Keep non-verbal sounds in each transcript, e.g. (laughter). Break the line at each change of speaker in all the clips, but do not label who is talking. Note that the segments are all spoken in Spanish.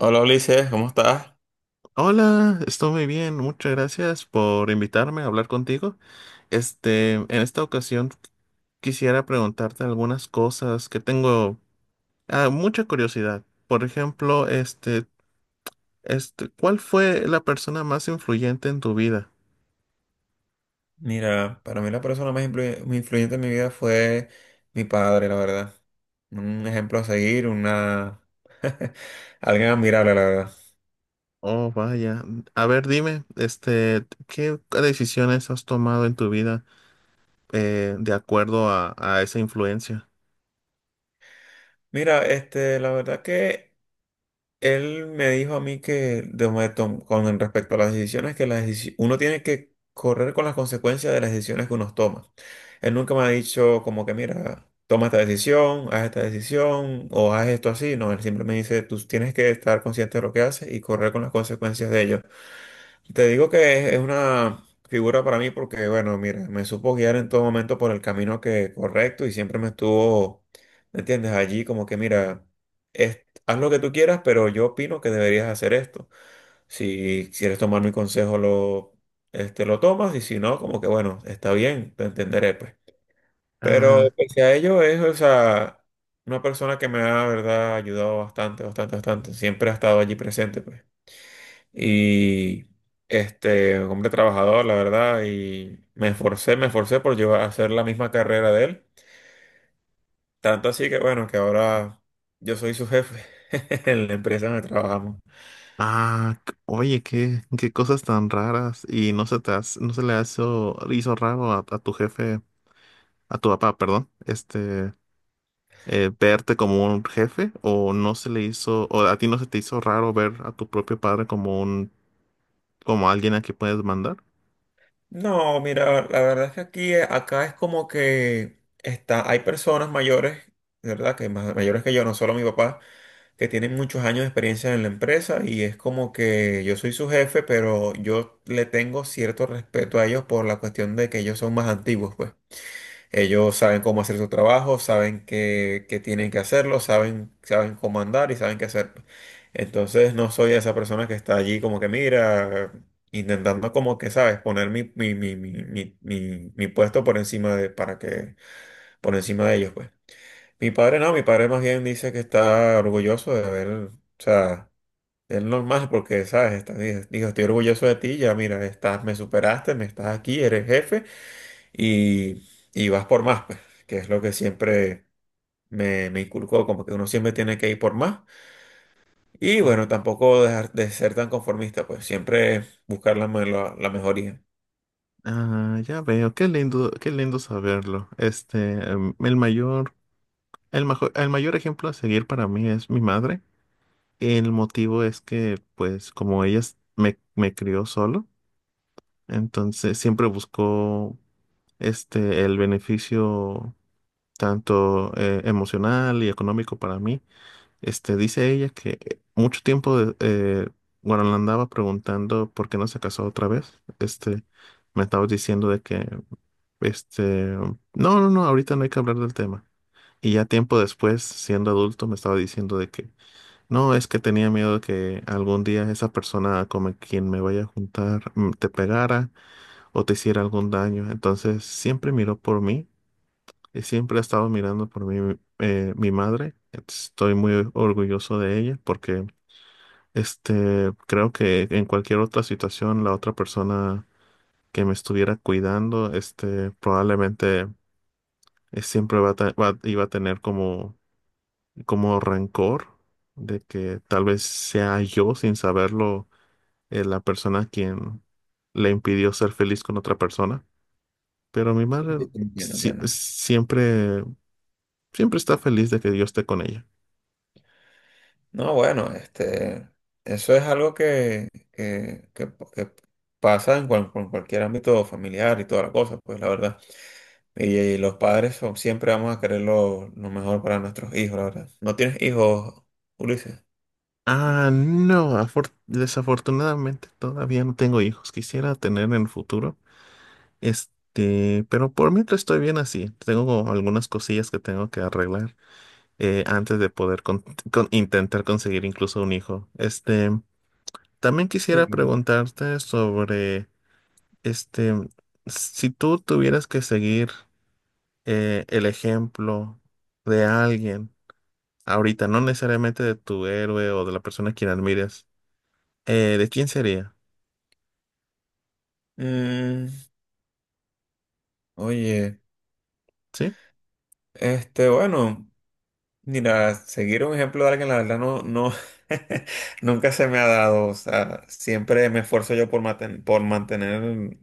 Hola Ulises, ¿cómo estás?
Hola, estoy muy bien. Muchas gracias por invitarme a hablar contigo. En esta ocasión quisiera preguntarte algunas cosas que tengo mucha curiosidad. Por ejemplo, ¿cuál fue la persona más influyente en tu vida?
Mira, para mí la persona más muy influyente en mi vida fue mi padre, la verdad. Un ejemplo a seguir, una... (laughs) alguien admirable, la verdad.
Oh, vaya. A ver, dime, ¿qué decisiones has tomado en tu vida de acuerdo a esa influencia?
Mira, la verdad que él me dijo a mí que de momento, con respecto a las decisiones, que uno tiene que correr con las consecuencias de las decisiones que uno toma. Él nunca me ha dicho como que, mira, toma esta decisión, haz esta decisión o haz esto así. No, él siempre me dice, tú tienes que estar consciente de lo que haces y correr con las consecuencias de ello. Te digo que es una figura para mí porque, bueno, mira, me supo guiar en todo momento por el camino que correcto y siempre me estuvo, ¿me entiendes? Allí como que, mira, haz lo que tú quieras, pero yo opino que deberías hacer esto. Si quieres tomar mi consejo, lo tomas y si no, como que, bueno, está bien, te entenderé, pues. Pero
Ah.
pese a ello, es, o sea, una persona que me ha, la verdad, ayudado bastante, bastante, bastante. Siempre ha estado allí presente, pues, y un hombre trabajador, la verdad, y me esforcé por llevar a hacer la misma carrera de él. Tanto así que bueno, que ahora yo soy su jefe (laughs) en la empresa donde trabajamos.
Ah, oye, qué cosas tan raras. Y no se le hizo raro a tu jefe, a tu papá, perdón, verte como un jefe, o no se le hizo, o a ti no se te hizo raro ver a tu propio padre como alguien a quien puedes mandar.
No, mira, la verdad es que aquí, acá es como que está, hay personas mayores, de ¿verdad? Que mayores que yo, no solo mi papá, que tienen muchos años de experiencia en la empresa y es como que yo soy su jefe, pero yo le tengo cierto respeto a ellos por la cuestión de que ellos son más antiguos, pues. Ellos saben cómo hacer su trabajo, saben que, tienen que hacerlo, saben cómo andar y saben qué hacer. Entonces no soy esa persona que está allí como que mira, intentando como que, ¿sabes? Poner mi puesto por encima de, para que, por encima de ellos, pues. Mi padre no, mi padre más bien dice que está orgulloso de haber, o sea, es normal porque, ¿sabes? Está, dijo, estoy orgulloso de ti, ya mira, estás, me superaste, me estás aquí, eres jefe y, y vas por más, pues, que es lo que siempre me inculcó, como que uno siempre tiene que ir por más. Y bueno, tampoco dejar de ser tan conformista, pues siempre buscar la mejoría.
Ah, ya veo, qué lindo saberlo. Em, el mayor, el mayor ejemplo a seguir para mí es mi madre. El motivo es que, pues, como me crió solo, entonces siempre buscó el beneficio tanto emocional y económico para mí. Dice ella que bueno, le andaba preguntando por qué no se casó otra vez. Me estaba diciendo de que no, no, no, ahorita no hay que hablar del tema. Y ya tiempo después, siendo adulto, me estaba diciendo de que no, es que tenía miedo de que algún día esa persona con quien me vaya a juntar te pegara o te hiciera algún daño. Entonces siempre miró por mí y siempre ha estado mirando por mí mi madre. Estoy muy orgulloso de ella porque creo que en cualquier otra situación la otra persona que me estuviera cuidando, probablemente siempre va a, ta- va- iba a tener como rencor de que tal vez sea yo, sin saberlo, la persona quien le impidió ser feliz con otra persona. Pero mi madre
Entiendo,
sí-
entiendo.
siempre, siempre está feliz de que yo esté con ella.
No, bueno, eso es algo que pasa en, en cualquier ámbito familiar y toda la cosa, pues la verdad. Y los padres son, siempre vamos a querer lo mejor para nuestros hijos, la verdad. ¿No tienes hijos, Ulises?
Ah, no, desafortunadamente todavía no tengo hijos. Quisiera tener en el futuro. Pero por mientras estoy bien así. Tengo algunas cosillas que tengo que arreglar antes de poder intentar conseguir incluso un hijo. También
Sí.
quisiera preguntarte sobre, este, si tú tuvieras que seguir el ejemplo de alguien ahorita, no necesariamente de tu héroe o de la persona a quien admires, ¿de quién sería?
Mm, Oye,
¿Sí?
bueno, mira, seguir un ejemplo de alguien, la verdad no, (laughs) nunca se me ha dado, o sea, siempre me esfuerzo yo por por mantener,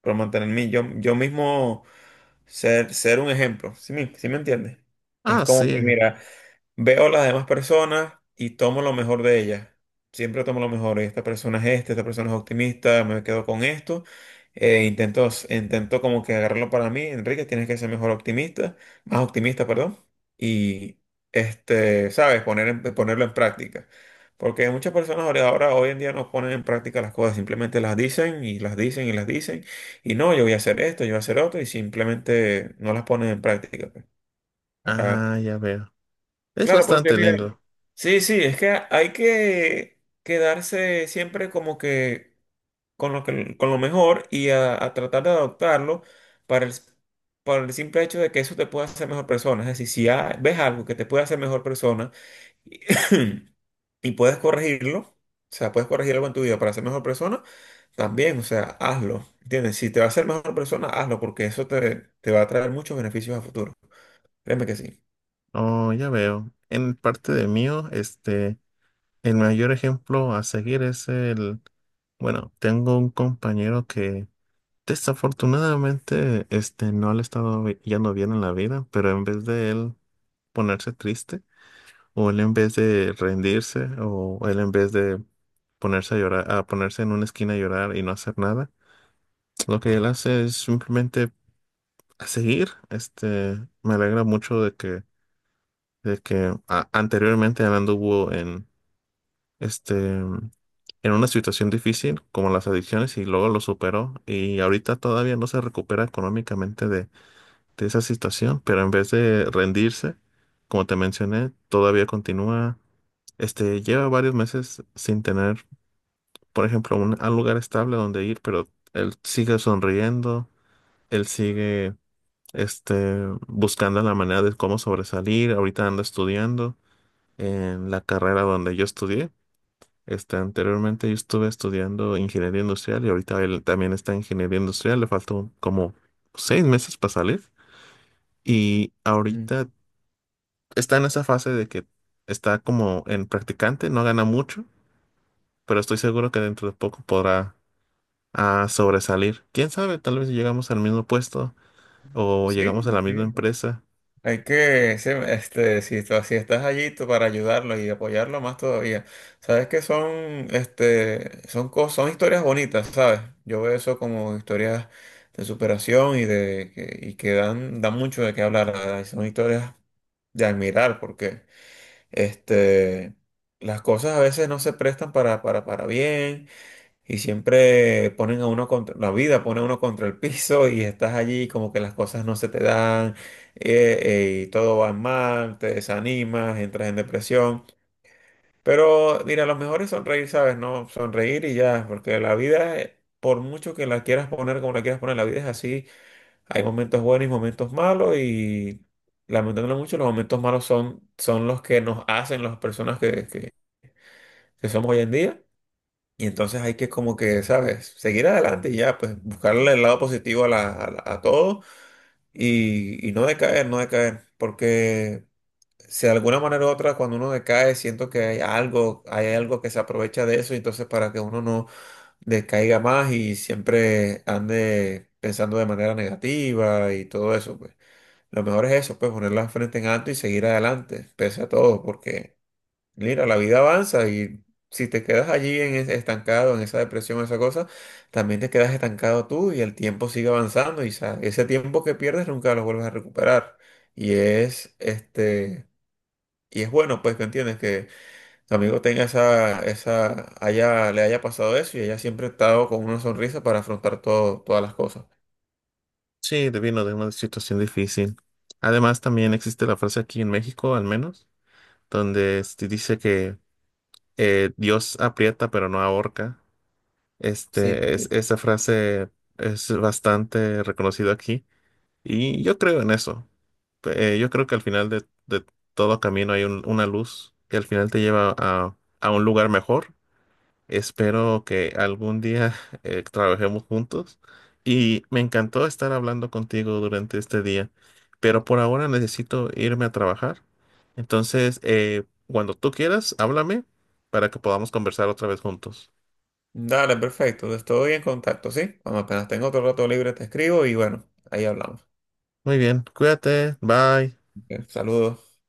por mantenerme yo, yo mismo ser un ejemplo, ¿sí sí me entiendes? Es
Ah,
como que,
sí.
mira, veo a las demás personas y tomo lo mejor de ellas. Siempre tomo lo mejor. Esta persona es esta, esta persona es optimista, me quedo con esto. Intento como que agarrarlo para mí. Enrique, tienes que ser mejor optimista, más optimista, perdón. Y, sabes, ponerlo en práctica. Porque muchas personas ahora, hoy en día, no ponen en práctica las cosas, simplemente las dicen y las dicen y las dicen. Y no, yo voy a hacer esto, yo voy a hacer otro, y simplemente no las ponen en práctica, pues, para...
Ah, ya veo. Es
Claro, porque
bastante
mira,
lindo.
sí, sí, es que hay que quedarse siempre como que con con lo mejor y a tratar de adoptarlo para el, para el simple hecho de que eso te pueda hacer mejor persona. Es decir, si ves algo que te puede hacer mejor persona y, (clears throat) y puedes corregirlo, o sea, puedes corregir algo en tu vida para ser mejor persona, también, o sea, hazlo, ¿entiendes? Si te va a hacer mejor persona, hazlo, porque te va a traer muchos beneficios a futuro. Créeme que sí.
Oh, ya veo. En parte de mío, el mayor ejemplo a seguir es el. Bueno, tengo un compañero que desafortunadamente no le ha estado yendo bien en la vida, pero en vez de él ponerse triste, o él en vez de rendirse, o él en vez de ponerse a llorar, a ponerse en una esquina a llorar y no hacer nada, lo que él hace es simplemente a seguir. Me alegra mucho de que anteriormente él anduvo en en una situación difícil como las adicciones y luego lo superó y ahorita todavía no se recupera económicamente de esa situación, pero en vez de rendirse, como te mencioné, todavía continúa, lleva varios meses sin tener, por ejemplo, un lugar estable donde ir, pero él sigue sonriendo, él sigue, buscando la manera de cómo sobresalir, ahorita anda estudiando en la carrera donde yo estudié. Anteriormente yo estuve estudiando ingeniería industrial y ahorita él también está en ingeniería industrial, le faltó como 6 meses para salir y
Mm.
ahorita está en esa fase de que está como en practicante, no gana mucho, pero estoy seguro que dentro de poco podrá sobresalir. ¿Quién sabe? Tal vez si llegamos al mismo puesto o
Sí,
llegamos a la misma
sí.
empresa.
Hay que, sí, este, si, tú- Si estás allí tú para ayudarlo y apoyarlo más todavía. Sabes que son cosas, son historias bonitas, ¿sabes? Yo veo eso como historias de superación y de y que dan mucho de qué hablar, la ¿verdad? Y son historias de admirar porque, este, las cosas a veces no se prestan para bien. Y siempre ponen a uno contra, la vida pone a uno contra el piso y estás allí como que las cosas no se te dan y todo va mal, te desanimas, entras en depresión. Pero mira, lo mejor es sonreír, ¿sabes? No, sonreír y ya, porque la vida, por mucho que la quieras poner como la quieras poner, la vida es así. Hay momentos buenos y momentos malos y lamentándolo mucho, los momentos malos son los que nos hacen las personas que somos hoy en día. Y entonces hay que como que, ¿sabes? Seguir adelante y ya, pues buscarle el lado positivo a todo y no decaer, no decaer. Porque si de alguna manera u otra cuando uno decae, siento que hay algo que se aprovecha de eso, y entonces para que uno no decaiga más y siempre ande pensando de manera negativa y todo eso, pues lo mejor es eso, pues poner la frente en alto y seguir adelante, pese a todo, porque... Mira, la vida avanza y si te quedas allí en estancado, en esa depresión, esa cosa, también te quedas estancado tú y el tiempo sigue avanzando y ese tiempo que pierdes nunca lo vuelves a recuperar. Y es este y es bueno pues que entiendes que tu amigo tenga esa esa haya le haya pasado eso y haya siempre estado con una sonrisa para afrontar todo todas las cosas.
Sí, vino de una situación difícil. Además, también existe la frase aquí en México, al menos, donde dice que Dios aprieta pero no ahorca.
Sí, sí.
Esa frase es bastante reconocida aquí y yo creo en eso. Yo creo que al final de todo camino hay una luz que al final te lleva a un lugar mejor. Espero que algún día (laughs) trabajemos juntos y me encantó estar hablando contigo durante este día, pero por ahora necesito irme a trabajar. Entonces, cuando tú quieras, háblame para que podamos conversar otra vez juntos.
Dale, perfecto, pues, estoy en contacto, ¿sí? Cuando apenas tengo otro rato libre te escribo y bueno, ahí hablamos.
Muy bien, cuídate, bye.
Ok. Saludos.